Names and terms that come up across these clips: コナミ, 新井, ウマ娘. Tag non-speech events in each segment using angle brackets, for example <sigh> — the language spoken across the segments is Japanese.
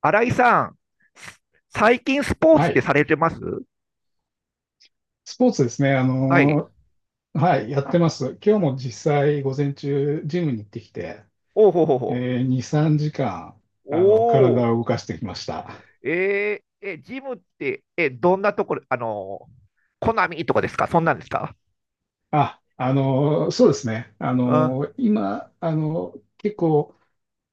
新井さん、最近スポーツっはてい。されてます？スポーツですね。はい。はい、やってます。今日も実際、午前中、ジムに行ってきて、おうほうほうほう。え2、3時間、おー、体を動かしてきました。ジムって、どんなところ、コナミとかですか？そんなんですか？そうですね。あ、今、結構、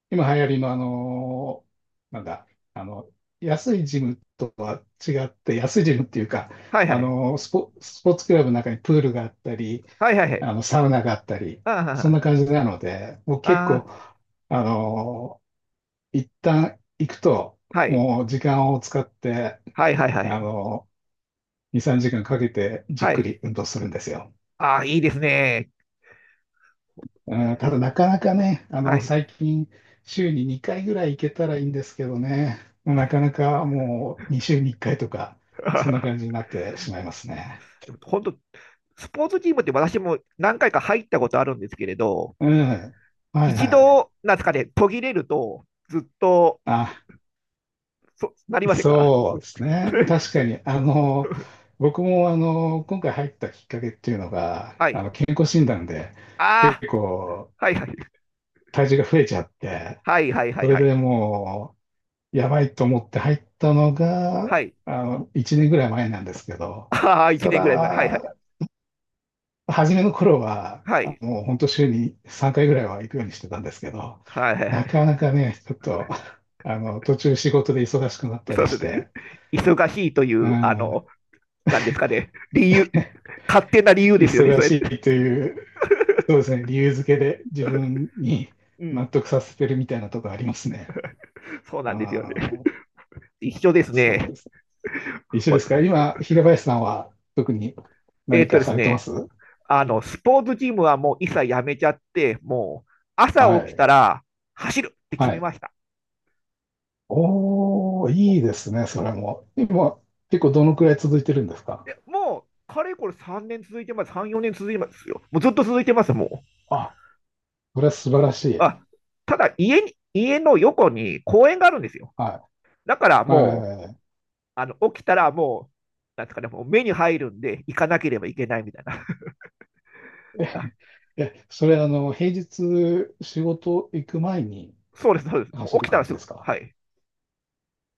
今流行りの、あのーなんだ、あの、安いジムとは違って、安いジムっていうか、はいはい。スポーツクラブの中にプールがあったり、はいはいはい。サウナがあったり、そんあな感じなので、もう結あ、構、ああの、一旦行くと、あ、はい。もう時間を使って、はいはいはあい。の、2、3時間かけてじっはくい。り運動するんですよ。ああ、いいですね。うん、ただなかなかね、はい。最近週に2回ぐらい行けたらいいんですけどね、なかなかもう2週に1回とか、そんな感じに <laughs> なってしまいますね。でも本当、スポーツチームって私も何回か入ったことあるんですけれど、うん。はい一はい。度、なんですかね、途切れると、ずっと、あ、なりませんか？ そうですね。<laughs> 確かに、僕も、今回入ったきっかけっていうのが、はい。健康診断で結あ構あ、はいはい。体重が増えちゃって、はいはいはそいれはい。でもう、やばいと思って入ったのが、はい。1年ぐらい前なんですけど、ああ、1た年ぐらい前。はいはい。だ、初めの頃は、はい。本当週に3回ぐらいは行くようにしてたんですけど、はいはいはない。かなかね、ちょっと、途中仕事で忙しくなったそりうしですね。て、忙しいというう、ん、なんですかね。理由、勝手な理由ですよね、忙それ。しいという、そうですね、理由付けで自分にう納ん。得させてるみたいなとこありますね。そうなあんですよね。あ、一緒ですそうね。です。一緒ですか？今、平林さんは特に何かでさすれてまね。す？スポーツジムはもう一切やめちゃって、もう、朝は起きたい。ら走るって決はめい。ました。おー、いもいですね、う、それもも。今、結構どのくらい続いてるんですか？う、いやもうかれこれ3年続いてます。3、4年続いてますよ。もうずっと続いてます、あ、それは素晴らしい。あ、ただ家の横に公園があるんですよ。はだからい。はいはいもう、はいはい。起きたらもう、なんですかね、もう目に入るんで、行かなければいけないみたいな。<laughs> あ、え、それ平日仕事行く前にそうです、そうです。も走うる起きたら感じすでぐ、すか？はい。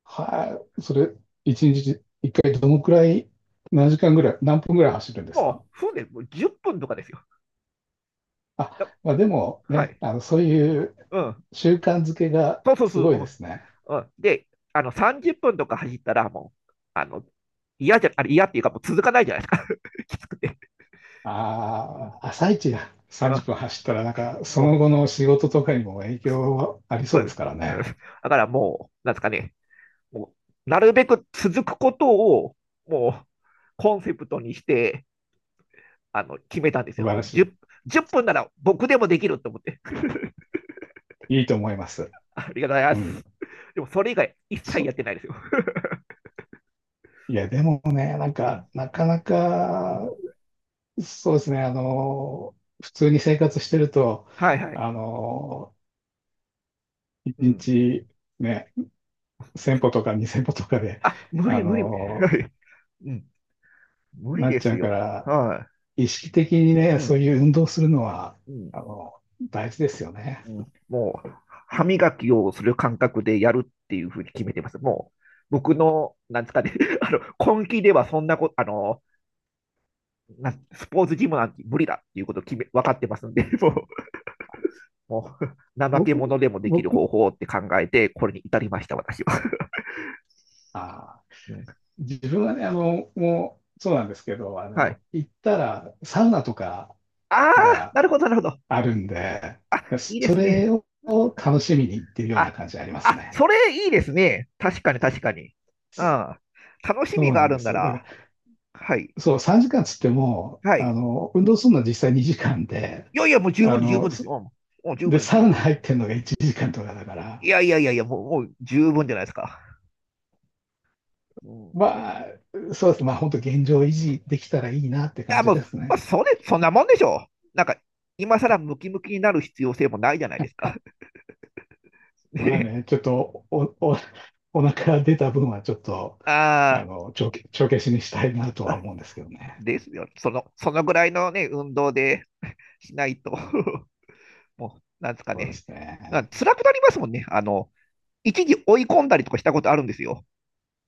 はい。それ、一日一回どのくらい、何時間ぐらい、何分ぐらい走るんですもか？う、船でもう10分とかですよ。だあ、まあ、でもはね、い。そういううん。習慣づけがそうそうすそう。ごいうですね。ん。うんで、30分とか走ったら、もう、嫌じゃ、あれ嫌っていうか、もう続かないじゃないですか。<laughs> きつくて。うん。ああ、朝一や30あ、分走ったら、なんか、そものう、後の仕事とかにも影響はありそそううでですす。からうんね。だからもう、なんですかね、もうなるべく続くことを、もう、コンセプトにして、決めたんです素よ。晴らもう し 10分なら僕でもできると思って。<laughs> い。いいと思います。ありがとうございまうん。す。でも、それ以外、一切そやってないですよ。いや、でもね、なんうん。か、なかなうか、ん。そうですね、普通に生活してると、はいはい。あの一うん。日ね、1000歩とか2000歩とかで、あ、無あ理無理無理。はの、い。うん。無理なっでちゃすうかよ。ら、は意識的にい。ね、うそうん。いう運動するのは、うん。あの、大事ですよね。うん。もう、歯磨きをする感覚でやるっていうふうに決めてます。もう、僕の、なんですかね、<laughs> あ根気ではそんなこと、スポーツジムなんて無理だっていうことを分かってますんで、<laughs> もう、もう怠け僕、者でもできる僕、方法って考えて、これに至りました、私は。あうんー、自分はね、もう、そうなんですけど、はい。行ったら、サウナとかああ、がなるほど、なるほど。あるんで、あ、いいでそすね。れを楽しみに行ってるようなあ、感じありますあ、ね。それいいですね。確かに、確かに。うん。楽しそみうがなあんるでんすなよ。だからら、はい、そう、3時間つっても、はい。運動するのは実際2時間で、いやいや、もう十あ分、十分の、ですそよ。もう十分ですサよ。ウナ入ってるのが1時間とかだかいら、やいやいやいや、もう、もう十分じゃないですか。うん、まあ、そうですね。まあ、本当現状維持できたらいいなって感じもう、ですまあ、ね。そんなもんでしょう。なんか、今更ムキムキになる必要性もないじゃないですか。<laughs> まあね、ね、ちょっとお腹出た分はちょっと、あ帳消しにしたいなとーはあ、思うんですけど <laughs> ね。ですよ。そのぐらいのね、運動でしないと <laughs> もう、なんですかそうでね。すまあね。辛くなりますもんね。一時追い込んだりとかしたことあるんですよ。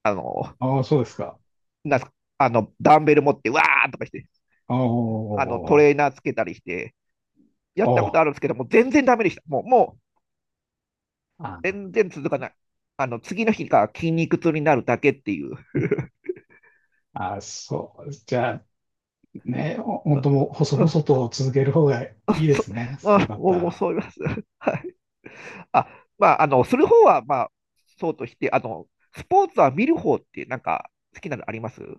あの、ああ、そうですか。なんすか、ダンベル持って、わーとかして、トおレーあ、ナーつけたりして、やあっあ、たこおとあーるんですけど、もう全然ダメでした。もう、もう、あー全然続かない。次の日が筋肉痛になるだけっていう。<laughs> あー、そう。じゃあ、ね、う本ん当もう細う々んと続ける方がいあ、いですね、あ、だもう、もうたそう言います。<laughs> はい。あ、まあ、する方は、まあ、そうとして、スポーツは見る方って、なんか、好きなのあります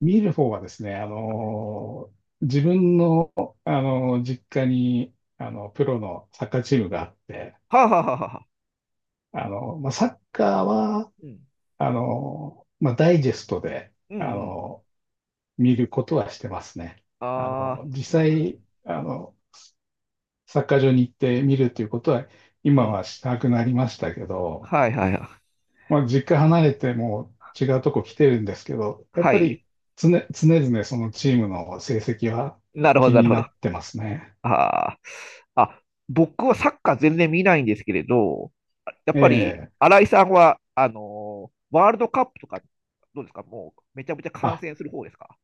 見る方はですね、自分の、実家に、プロのサッカーチームがあって、あ、はあはあはあ、まあ、サッカーは、うん。まあ、ダイジェストで、うん、うん。見ることはしてますね。ああ、実際、サッカー場に行って見るということは、う今ん。はしたくなりましたけど、はい、はい、はい。まあ、実家離れてもう違うとこ来てるんですけど、やっはぱい。り常々そのチームの成績はなるほど、気なるにほなど。ってますね。ああ。あ、僕はサッカー全然見ないんですけれど、やっえぱり、え。新井さんは、ワールドカップとか、どうですか？もう、めちゃめちゃ観あ、戦する方ですか？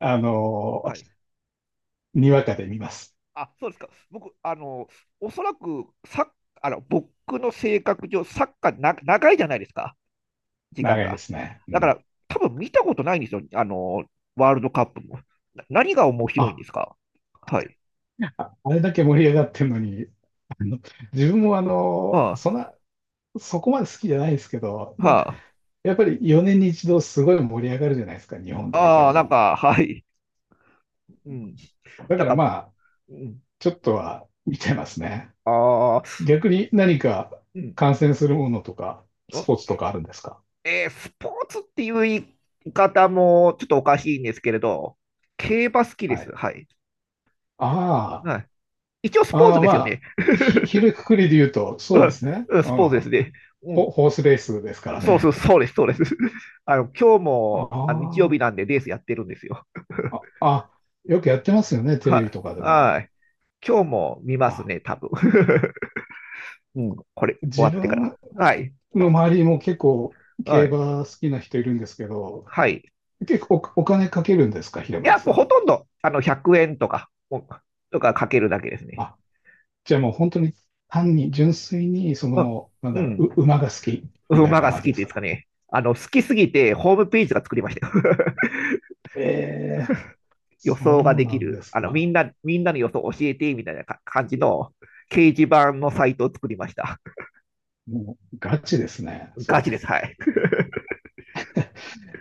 あのはい。にわかで見ます。あ、そうですか。僕、おそらく、サッあの、僕の性格上、サッカー長いじゃないですか、時間長いでが。すね。うだかん。ら、多分見たことないんですよ、ワールドカップも。何が面白いんあ、ですか？はい。あれだけ盛り上がってるのに、あの、自分もあそんな、そこまで好きじゃないですけど、なんか、あ、はやっぱり4年に一度すごい盛り上がるじゃないですか、日本代表あ、ああ、なんも。か、はい。うん。だなかんらか、まあ、うん、ちょっとは見てますね。ああ、逆に何かうん。観戦するものとか、スポーあツとかあるんですか？スポーツっていう言い方もちょっとおかしいんですけれど、競馬好きではす。い。はい。あはい。一応スあ、ポーあツあ、ですよね。まあ、ひ <laughs> るくくりで言うと、うそうでんすね。うんうスポーん。ツですね。うん、ホースレースですからそうね。そう、そうです、そうです。<laughs> 今日も、あ、日曜日なあんでレースやってるんですよ。あ、あ、あ、よくやってますよね、テレビはい。とかでも。はい。今日も見ますあ、ね、多分。<laughs> うん、<laughs> これ、終わ自ってから。分はい。の周りも結構競はい。馬好きな人いるんですけど、はい。結構お金かけるんですか、平いや、林もさうほん？とんど、100円とか、もうとかかけるだけですね。あ、じゃあもう本当に単に純粋に、その、なんうだろう、ん。う馬が好きん。みたい馬なが感好じきでってすいうんですかか？ね。好きすぎて、ホームページが作りましたよ。<laughs> ええ、予そ想がうできなんる、ですか。みんなの予想教えて、みたいな感じの掲示板のサイトを作りました。もうガチですね、そガれ。チです。はい。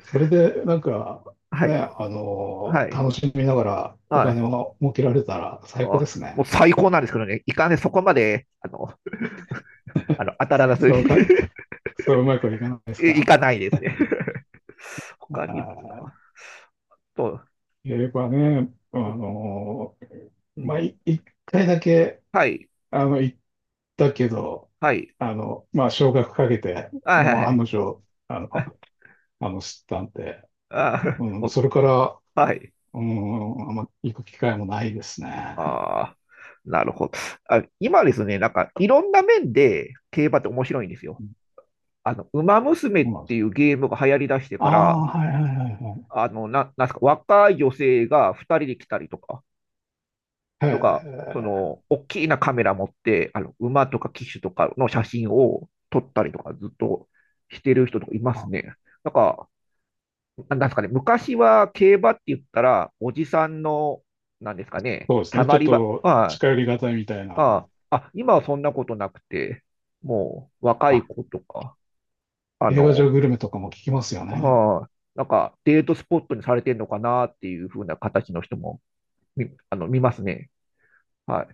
それで、なんか、はい。ね、はい。楽しみながらおは金い。を儲けられたら最高ですもうね。最高なんですけどね、いかんね、そこまで、当たらずに そうか、そううまくいかないで <laughs> すいか？かないですね。<laughs> あ他に、ーと、英語はね、うまあ、ん、一回だけ、はい、行ったけど、はい、まあ、少額かけて、はい、もうは案い、の定、あの、知ったんで、あうん、あ それから、<laughs> はい、うん、あんま行く機会もないですね。ああ、なるほど。今ですね、なんか、いろんな面で競馬って面白いんですよ。うん、ウマ娘っそうでていうす。ゲームが流行り出してあから、あー、はいはいはいはい。なんすか、若い女性が2人で来たりとか、へとか、そえ、の、大きなカメラ持って、馬とか騎手とかの写真を撮ったりとか、ずっとしてる人とかいますあ、ね。なんか、なんですかね、昔は競馬って言ったら、おじさんの、なんですかね、そうですたね。ちまょっり場、とあ近寄りがたいみたいあ、あな。あ、あ今はそんなことなくて、もう、若いあ、子とか、あ映画場の、グルメとかも聞きますよね。はい、なんかデートスポットにされてるのかなっていう風な形の人も見、あの、見ますね。はい。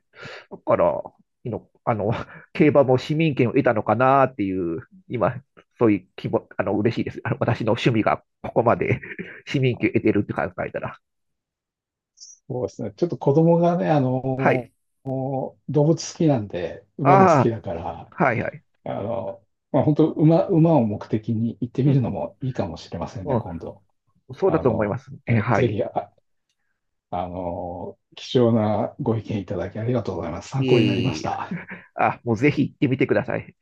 だから、いの、あの、<laughs> 競馬も市民権を得たのかなっていう、今、そういう気も、嬉しいです。私の趣味がここまで <laughs> 市民権を得てるって考えたら。そうですね。ちょっと子供がね、はい。動物好きなんで、馬も好きああ、だから、はいはい。あの、まあ、本当馬を目的に行ってうみるのん、もいいかもしれませんね、うん、今度。そうだあと思いまの、す。え、はぜい。ひ、貴重なご意見いただきありがとうございます。参いえ考になりいまえしいえ、た。あ、もうぜひ行ってみてください。